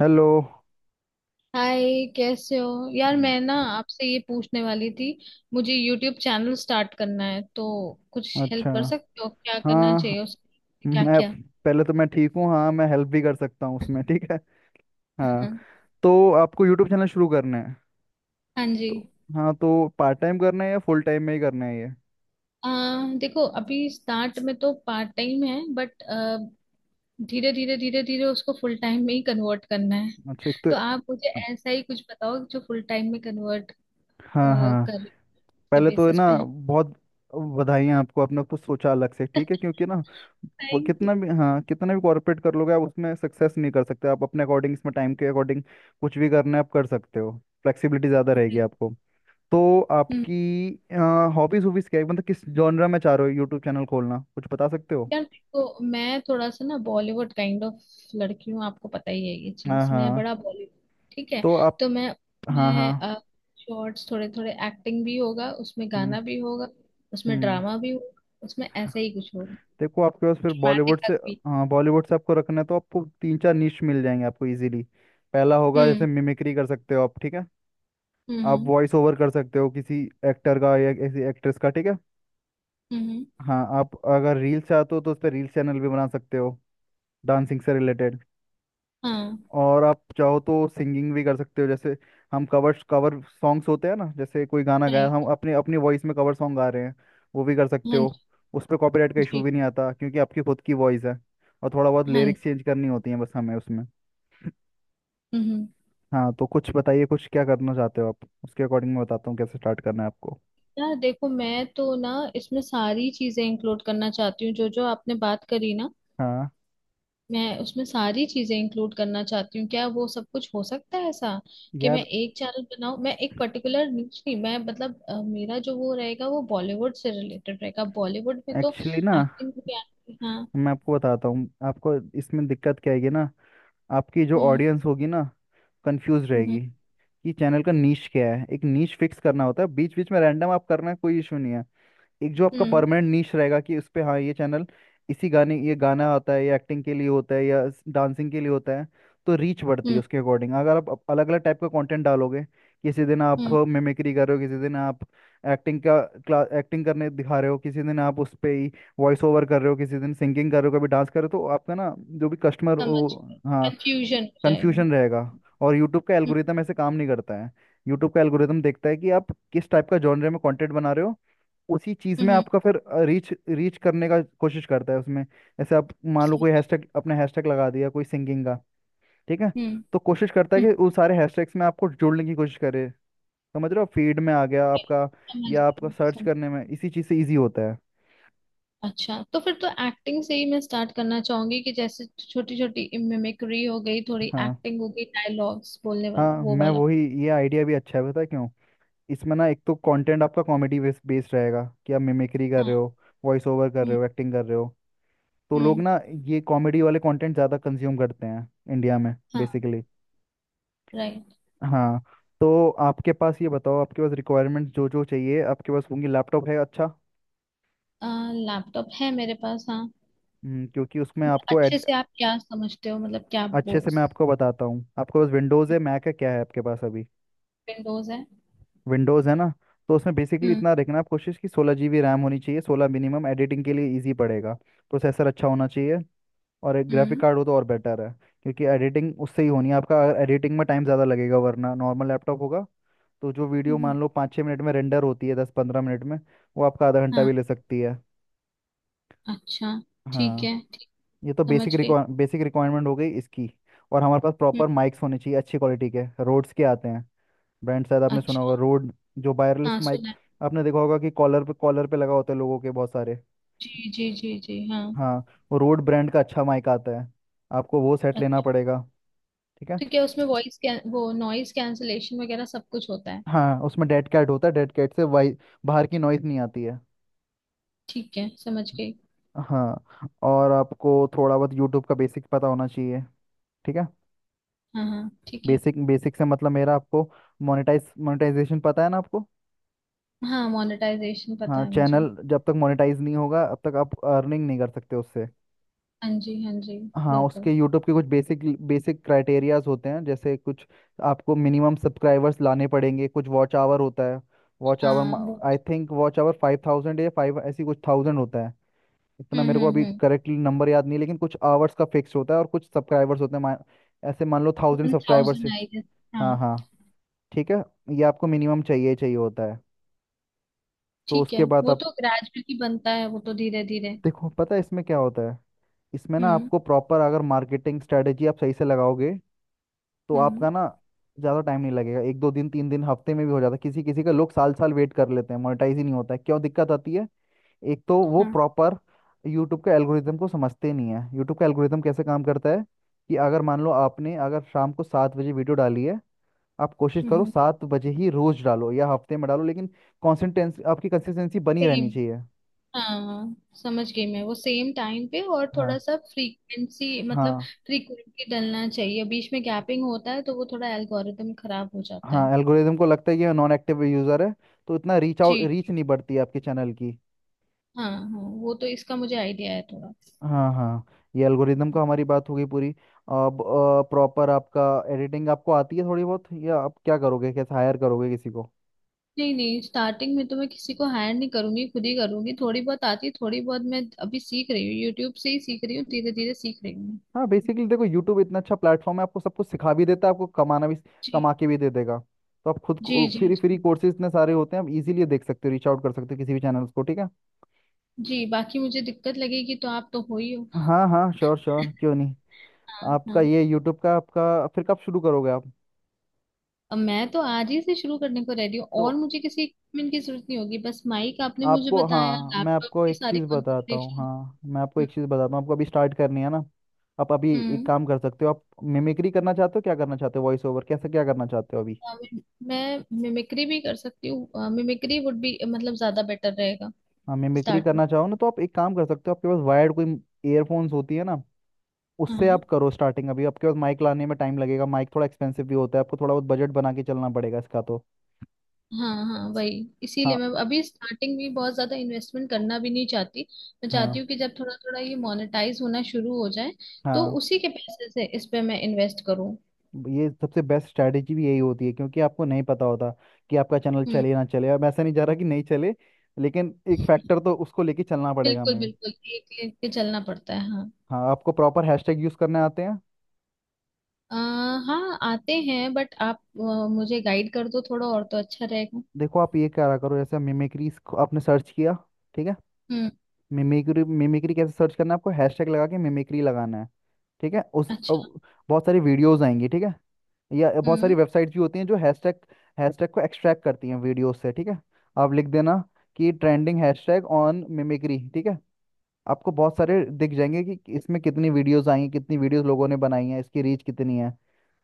Hello. Hi, कैसे हो यार? मैं ना आपसे ये पूछने वाली थी। मुझे यूट्यूब चैनल स्टार्ट करना है तो कुछ हेल्प अच्छा। कर सकते हो? क्या करना हाँ। चाहिए, उसके क्या मैं क्या। पहले तो मैं ठीक हूँ। हाँ मैं हेल्प भी कर सकता हूँ उसमें। ठीक है। हाँ हाँ। तो आपको यूट्यूब चैनल शुरू करना है? हाँ जी। तो हाँ, तो पार्ट टाइम करना है या फुल टाइम में ही करना है ये? आ, देखो, अभी स्टार्ट में तो पार्ट टाइम है बट धीरे धीरे उसको फुल टाइम में ही कन्वर्ट करना है। अच्छा। एक तो तो आप मुझे ऐसा ही कुछ बताओ जो फुल टाइम में कन्वर्ट हाँ हाँ कर के पहले तो है बेसिस पे ना है। बहुत बधाइयाँ आपको, आपने कुछ सोचा अलग से। ठीक है क्योंकि ना वो थैंक कितना भी, हाँ कितना भी कॉर्पोरेट कर लोगे आप उसमें सक्सेस नहीं कर सकते। आप अपने अकॉर्डिंग, इसमें टाइम के अकॉर्डिंग कुछ भी करना है आप कर सकते हो। फ्लेक्सिबिलिटी ज़्यादा रहेगी आपको। तो यू। आपकी हॉबीज हॉबीज क्या है, मतलब किस जॉनरा में चाह रहे हो यूट्यूब चैनल खोलना? कुछ बता सकते हो? यार देखो, मैं थोड़ा सा ना बॉलीवुड काइंड ऑफ लड़की हूँ। आपको पता ही है ये हाँ चीज, मैं हाँ। बड़ा बॉलीवुड। ठीक है। तो आप तो मैं हाँ हाँ। मैं शॉर्ट्स, थोड़े थोड़े एक्टिंग भी होगा, उसमें हम्म गाना भी होगा। उसमें हम्म। ड्रामा भी होगा। उसमें ऐसा ही कुछ होगा, देखो आपके पास फिर ड्रामेटिक बॉलीवुड से, तक भी। हाँ बॉलीवुड से आपको रखना है तो आपको तीन चार नीश मिल जाएंगे आपको इजीली। पहला होगा जैसे हम्म। मिमिक्री कर सकते हो आप, ठीक है। हम्म। आप हम्म। वॉइस ओवर कर सकते हो किसी एक्टर का या किसी एक्ट्रेस का, ठीक है। हम्म। हम्म। हाँ आप अगर रील्स चाहते हो तो उस पर रील्स चैनल भी बना सकते हो, डांसिंग से रिलेटेड। हाँ, और आप चाहो तो सिंगिंग भी कर सकते हो, जैसे हम कवर कवर सॉन्ग्स होते हैं ना, जैसे कोई गाना गाया, हम राइट। अपने अपनी वॉइस में कवर सॉन्ग गा रहे हैं, वो भी कर सकते हाँ हो। जी। उस पर कॉपीराइट का इशू जी, भी नहीं आता क्योंकि आपकी खुद की वॉइस है और थोड़ा बहुत हाँ जी। लिरिक्स चेंज करनी होती है बस हमें उसमें। हम्म। हम्म। हाँ तो कुछ बताइए, कुछ क्या करना चाहते हो आप, उसके अकॉर्डिंग मैं बताता हूँ कैसे स्टार्ट करना है आपको। यार देखो, मैं तो ना इसमें सारी चीजें इंक्लूड करना चाहती हूँ जो जो आपने बात करी ना। हाँ। मैं उसमें सारी चीजें इंक्लूड करना चाहती हूँ। क्या वो सब कुछ हो सकता है ऐसा कि मैं यार एक चैनल बनाऊं? मैं एक पर्टिकुलर न्यूज नहीं, मैं मतलब मेरा जो वो रहेगा वो बॉलीवुड से रिलेटेड रहेगा। बॉलीवुड में तो एक्चुअली ना, एक्टिंग भी आती है। हाँ। मैं आपको बताता हूँ आपको इसमें दिक्कत क्या आएगी ना, आपकी जो हम्म। ऑडियंस होगी ना कंफ्यूज रहेगी हम्म। कि चैनल का नीश क्या है। एक नीश फिक्स करना होता है, बीच बीच में रैंडम आप करना, कोई इशू नहीं है। एक जो आपका हम्म। परमानेंट नीश रहेगा कि उस पे हाँ, ये चैनल इसी गाने, ये गाना आता है या एक्टिंग के लिए होता है या डांसिंग के लिए होता है, तो रीच बढ़ती है हम्म। उसके अकॉर्डिंग। अगर आप अलग अलग टाइप का कंटेंट डालोगे, किसी दिन आप हम्म, मिमिक्री कर रहे हो, किसी दिन आप एक्टिंग का क्लास एक्टिंग करने दिखा रहे हो, किसी दिन आप उस पे ही वॉइस ओवर कर रहे हो, किसी दिन सिंगिंग कर रहे हो, कभी डांस कर रहे हो, तो आपका ना जो भी कस्टमर हो, समझ गए। हाँ, कंफ्यूजन हो जाएगा। कंफ्यूजन रहेगा। और यूट्यूब का हम्म। एल्गोरिदम ऐसे काम नहीं करता है। यूट्यूब का एल्गोरिदम देखता है कि आप किस टाइप का जॉनरे में कंटेंट बना रहे हो, उसी चीज़ में हम्म। आपका फिर रीच रीच करने का कोशिश करता है उसमें। ऐसे आप मान लो कोई समझ गए। हैशटैग, अपने हैशटैग लगा दिया कोई सिंगिंग का, ठीक है, हम्म। तो कोशिश करता है हम्म। कि उस सारे हैशटैग्स में आपको जोड़ने की कोशिश करे। समझ रहे हो, फीड में आ गया Okay, आपका, समझ या आपका गए, सर्च समझ करने में गई। इसी चीज़ से ईजी होता है। अच्छा, तो फिर तो एक्टिंग से ही मैं स्टार्ट करना चाहूंगी कि जैसे छोटी छोटी मिमिक्री हो गई, थोड़ी हाँ एक्टिंग हो गई, डायलॉग्स बोलने वाला हाँ वो मैं वाला। वही, ये आइडिया भी अच्छा है, पता है क्यों? इसमें ना एक तो कंटेंट आपका कॉमेडी बेस्ड रहेगा कि आप मिमिक्री कर रहे हाँ। हो, वॉइस ओवर कर हम्म। रहे हो, एक्टिंग कर रहे हो, तो लोग हम्म। ना ये कॉमेडी वाले कंटेंट ज़्यादा कंज्यूम करते हैं इंडिया में, हाँ, बेसिकली। राइट। हाँ तो आपके पास, ये बताओ आपके पास रिक्वायरमेंट्स जो जो चाहिए आपके पास होंगी? लैपटॉप है? अच्छा। लैपटॉप है मेरे पास, हाँ। क्योंकि उसमें मतलब आपको अच्छे एड, से आप क्या समझते हो, मतलब क्या अच्छे से मैं बोस? आपको बताता हूँ। आपके पास विंडोज़ है, मैक है, क्या है आपके पास अभी? विंडोज है। विंडोज़ है ना, तो उसमें बेसिकली हम्म। इतना देखना, आप कोशिश कि 16 GB रैम होनी चाहिए, 16 मिनिमम, एडिटिंग के लिए ईजी पड़ेगा। प्रोसेसर अच्छा होना चाहिए और एक ग्राफिक हम्म। कार्ड हो तो और बेटर है, क्योंकि एडिटिंग उससे ही होनी है। आपका एडिटिंग में टाइम ज़्यादा लगेगा वरना, नॉर्मल लैपटॉप होगा तो जो वीडियो हम्म, मान लो 5-6 मिनट में रेंडर होती है, 10-15 मिनट में, वो आपका आधा घंटा भी हाँ। ले सकती है। अच्छा, ठीक हाँ है, ठीक। ये तो समझ बेसिक गई। रिक्वा बेसिक रिक्वायरमेंट हो गई इसकी। और हमारे पास हम्म। प्रॉपर माइक्स होने चाहिए अच्छी क्वालिटी के, रोड्स के आते हैं, ब्रांड शायद आपने सुना होगा, अच्छा। रोड, जो वायरलेस हाँ, माइक, सुना है। आपने देखा होगा कि कॉलर पे लगा होता है लोगों के बहुत सारे। जी जी जी जी, हाँ। हाँ वो रोड ब्रांड का अच्छा माइक आता है, आपको वो सेट लेना अच्छा, पड़ेगा। ठीक है। तो क्या उसमें वॉइस, क्या वो नॉइस कैंसलेशन वगैरह सब कुछ होता है? हाँ उसमें डेड कैट होता है, डेड कैट से वाई बाहर की नॉइज नहीं आती है। ठीक है, समझ गई। हाँ और आपको थोड़ा बहुत यूट्यूब का बेसिक पता होना चाहिए, ठीक है। हाँ हाँ, ठीक है। बेसिक बेसिक से मतलब मेरा, आपको मोनेटाइजेशन पता है ना आपको? हाँ, मोनेटाइजेशन पता हाँ है मुझे। चैनल जब तक मोनेटाइज नहीं होगा अब तक आप अर्निंग नहीं कर सकते उससे। हाँ जी, हाँ जी। हाँ उसके, बिल्कुल। यूट्यूब के कुछ बेसिक बेसिक क्राइटेरियाज होते हैं, जैसे कुछ आपको मिनिमम सब्सक्राइबर्स लाने पड़ेंगे, कुछ वॉच आवर होता है। वॉच हाँ, आवर, वो। आई थिंक वॉच आवर 5000 या फाइव, ऐसी कुछ थाउजेंड होता है, इतना हम्म। मेरे को हम्म। अभी हम्म। करेक्टली नंबर याद नहीं है, लेकिन कुछ आवर्स का फिक्स होता है और कुछ सब्सक्राइबर्स होते हैं। मान, ऐसे मान लो 1000 वन सब्सक्राइबर्स थाउजेंड है। I guess. हाँ। हाँ हाँ ठीक है। ये आपको मिनिमम चाहिए ही चाहिए होता है। तो ठीक है, उसके बाद वो आप, तो ग्रेजुअली बनता है, वो तो धीरे धीरे। देखो पता है इसमें क्या होता है, इसमें ना हम्म। आपको प्रॉपर अगर मार्केटिंग स्ट्रेटेजी आप सही से लगाओगे तो हम्म। आपका ना ज़्यादा टाइम नहीं लगेगा। एक दो दिन, तीन दिन, हफ्ते में भी हो जाता है। किसी किसी का लोग साल साल वेट कर लेते हैं, मोनेटाइज ही नहीं होता है, क्यों दिक्कत आती है? एक तो वो हाँ। प्रॉपर यूट्यूब के एल्गोरिदम को समझते नहीं है। यूट्यूब का एल्गोरिदम कैसे काम करता है कि अगर मान लो आपने, अगर शाम को 7 बजे वीडियो डाली है, आप कोशिश करो हम्म। 7 बजे ही रोज डालो या हफ्ते में डालो, लेकिन कॉन्सिस्टेंस आपकी कंसिस्टेंसी बनी रहनी सेम। चाहिए। हाँ, समझ गई मैं वो, सेम टाइम पे और थोड़ा हाँ सा फ्रीक्वेंसी मतलब हाँ फ्रीक्वेंटली डलना चाहिए। बीच में गैपिंग होता है तो वो थोड़ा एल्गोरिदम खराब हो जाता हाँ है। एल्गोरिदम को लगता है ये नॉन एक्टिव यूजर है, तो इतना जी जी। रीच नहीं बढ़ती है आपके चैनल की। हाँ हाँ, वो तो इसका मुझे आइडिया है थोड़ा। हाँ हाँ। ये एल्गोरिदम का हमारी बात हो गई पूरी। अब प्रॉपर आपका, एडिटिंग आपको आती है थोड़ी बहुत, या आप क्या करोगे, कैसे हायर करोगे किसी को? नहीं नहीं, स्टार्टिंग में तो मैं किसी को हायर नहीं करूंगी, खुद ही करूंगी। थोड़ी बहुत आती है, थोड़ी बहुत मैं अभी सीख रही हूँ, यूट्यूब से ही सीख रही हूँ, धीरे धीरे सीख रही हूँ। हाँ बेसिकली देखो, यूट्यूब इतना अच्छा प्लेटफॉर्म है, आपको सब कुछ सिखा भी देता है, आपको कमाना भी, जी कमा के भी दे देगा। तो आप खुद जी को जी फ्री फ्री जी। कोर्सेज इतने सारे होते हैं, आप इजीली देख सकते हो, रीच आउट कर सकते हो किसी भी चैनल को, ठीक है। जी, बाकी मुझे दिक्कत लगेगी तो आप तो हो ही हो। हाँ हाँ श्योर श्योर क्यों नहीं। हाँ आपका हाँ। ये यूट्यूब का, आपका फिर कब शुरू करोगे आप? अब मैं तो आज ही से शुरू करने को रेडी हूँ, तो और मुझे किसी इक्विपमेंट की जरूरत नहीं होगी। बस माइक आपने मुझे आपको बताया, हाँ मैं लैपटॉप आपको की एक सारी चीज़ बताता हूँ। कॉन्फ़िगरेशन। हाँ मैं आपको हम्म। एक चीज़ बताता हूँ, आपको अभी स्टार्ट करनी है ना, आप अभी एक काम कर सकते हो। आप मिमिक्री करना चाहते हो, क्या करना चाहते हो, वॉइस ओवर, कैसे क्या करना चाहते हो अभी? हम्म। मैं मिमिक्री भी कर सकती हूँ, मिमिक्री वुड भी मतलब ज्यादा बेटर रहेगा हाँ मिमिक्री स्टार्ट करना चाहो ना तो आप एक काम कर सकते हो, आपके पास वायर्ड कोई ईयरफोन्स होती है ना, उससे में। आप करो स्टार्टिंग। अभी आपके पास माइक लाने में टाइम लगेगा, माइक थोड़ा एक्सपेंसिव भी होता है, आपको थोड़ा बहुत बजट बना के चलना पड़ेगा इसका, तो हाँ हाँ, वही, इसीलिए हाँ मैं अभी स्टार्टिंग में बहुत ज्यादा इन्वेस्टमेंट करना भी नहीं चाहती। मैं चाहती हाँ हूँ कि जब थोड़ा थोड़ा ये मोनेटाइज होना शुरू हो जाए तो हाँ। उसी के पैसे से इस पे मैं इन्वेस्ट करूँ। ये सबसे बेस्ट स्ट्रैटेजी भी यही होती है, क्योंकि आपको नहीं पता होता कि आपका चैनल हम्म। चले ना चले। अब ऐसा नहीं जा रहा कि नहीं चले, लेकिन एक फैक्टर तो उसको लेके चलना पड़ेगा बिल्कुल हमें। बिल्कुल, एक लेके के चलना पड़ता है, हाँ। हाँ आपको प्रॉपर हैशटैग यूज़ करने आते हैं? आ, हाँ, आते हैं बट आप मुझे गाइड कर दो थोड़ा और तो अच्छा रहेगा। देखो आप ये क्या करो, जैसे मिमिक्रीज आपने सर्च किया, ठीक है, हम्म। मिमिक्री, कैसे सर्च करना है आपको, हैशटैग लगा के मिमिक्री लगाना है, ठीक है। उस अब अच्छा। बहुत सारी वीडियोस आएंगी, ठीक है, या बहुत सारी हम्म। वेबसाइट्स भी होती हैं जो हैशटैग हैशटैग को एक्सट्रैक्ट करती हैं वीडियोस से, ठीक है। आप लिख देना कि ट्रेंडिंग हैशटैग ऑन मिमिक्री, ठीक है, आपको बहुत सारे दिख जाएंगे कि इसमें कितनी वीडियोस आई हैं, कितनी वीडियोस लोगों ने बनाई हैं, इसकी रीच कितनी है।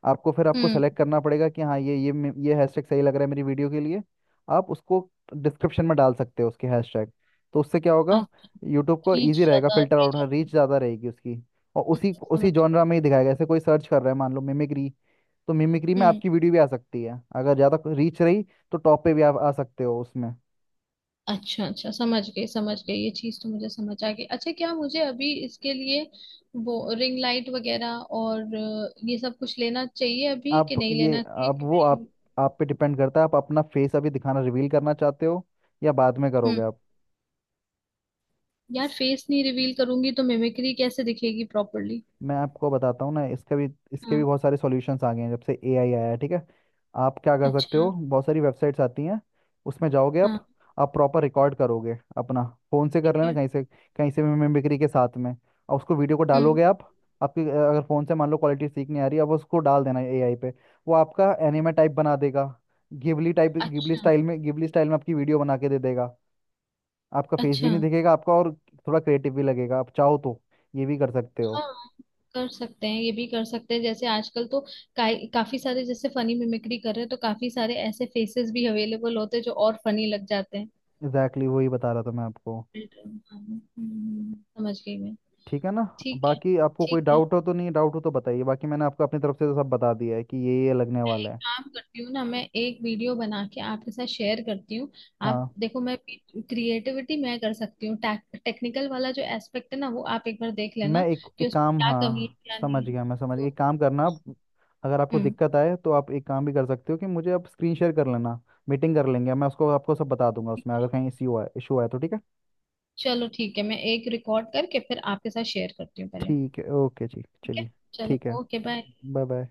आपको फिर आपको हम्म। सेलेक्ट करना पड़ेगा कि हाँ ये ये हैशटैग सही लग रहा है मेरी वीडियो के लिए। आप उसको डिस्क्रिप्शन में डाल सकते हो, उसके हैशटैग। तो उससे क्या होगा, अच्छा। यूट्यूब को थ्री इजी रहेगा ज्यादा, फिल्टर थ्री आउट, रीच ज्यादा। ज़्यादा रहेगी उसकी, और उसी हम्म, उसी समझ जॉनरा में ही दिखाएगा। जैसे कोई सर्च कर रहा है, मान लो मिमिक्री, तो मिमिक्री में गए। आपकी वीडियो भी आ सकती है, अगर ज़्यादा रीच रही तो टॉप पे भी आप आ सकते हो उसमें। अच्छा अच्छा, समझ गई, समझ गई। ये चीज तो मुझे समझ आ गई। अच्छा, क्या मुझे अभी इसके लिए वो रिंग लाइट वगैरह और ये सब कुछ लेना चाहिए अभी आप कि नहीं ये लेना चाहिए, अब कि वो आप मैं। आप पे डिपेंड करता है, आप अपना फेस अभी दिखाना, रिवील करना चाहते हो या बाद में करोगे हम्म। आप? यार, फेस नहीं रिवील करूंगी तो मिमिक्री कैसे दिखेगी प्रॉपरली? मैं आपको बताता हूँ ना इसका भी, इसके भी हाँ। बहुत सारे सॉल्यूशंस आ गए हैं जब से AI आया है, ठीक है। आप क्या कर सकते अच्छा। हो, बहुत सारी वेबसाइट्स आती हैं, उसमें जाओगे हाँ, आप प्रॉपर रिकॉर्ड करोगे अपना, फ़ोन से ठीक कर लेना, है। कहीं से भी, मिमिक्री के साथ में, और उसको वीडियो को हम्म। डालोगे आप। आपकी अगर फ़ोन से मान लो क्वालिटी ठीक नहीं आ रही, अब उसको डाल देना AI पे, वो आपका एनिमे टाइप बना देगा, गिबली अच्छा स्टाइल में, गिबली स्टाइल में आपकी वीडियो बना के दे देगा। आपका फेस भी अच्छा। नहीं दिखेगा आपका, और थोड़ा क्रिएटिव भी लगेगा, आप चाहो तो ये भी कर सकते हो। हाँ, कर सकते हैं, ये भी कर सकते हैं। जैसे आजकल तो काफी सारे जैसे फनी मिमिक्री कर रहे हैं, तो काफी सारे ऐसे फेसेस भी अवेलेबल होते हैं जो और फनी लग जाते हैं। एग्जैक्टली, exactly वही बता रहा था मैं आपको, रिटर्न। समझ गई मैं। ठीक है ना। ठीक है। बाकी आपको कोई ठीक है, डाउट हो तो, नहीं डाउट हो तो बताइए, बाकी मैंने आपको अपनी तरफ से तो सब बता दिया है कि ये लगने मैं एक वाला है। काम करती हूँ ना, मैं एक वीडियो बना के आपके साथ शेयर करती हूँ। आप हाँ देखो, मैं क्रिएटिविटी मैं कर सकती हूँ। टेक्निकल वाला जो एस्पेक्ट है ना, वो आप एक बार देख मैं लेना एक कि एक उसमें काम, क्या कमी है हाँ क्या समझ नहीं है, गया, मैं समझ गया, एक तो। काम करना आप, अगर आपको हम्म। दिक्कत आए तो आप एक काम भी कर सकते हो कि मुझे आप स्क्रीन शेयर कर लेना, मीटिंग कर लेंगे, मैं उसको आपको सब बता दूंगा उसमें, अगर कहीं इश्यू आए इशू आए तो, ठीक है। चलो ठीक है, मैं एक रिकॉर्ड करके फिर आपके साथ शेयर करती हूँ पहले। ठीक है ओके जी ठीक है। चलिए। चलो, ठीक है। Okay, bye. Bye bye.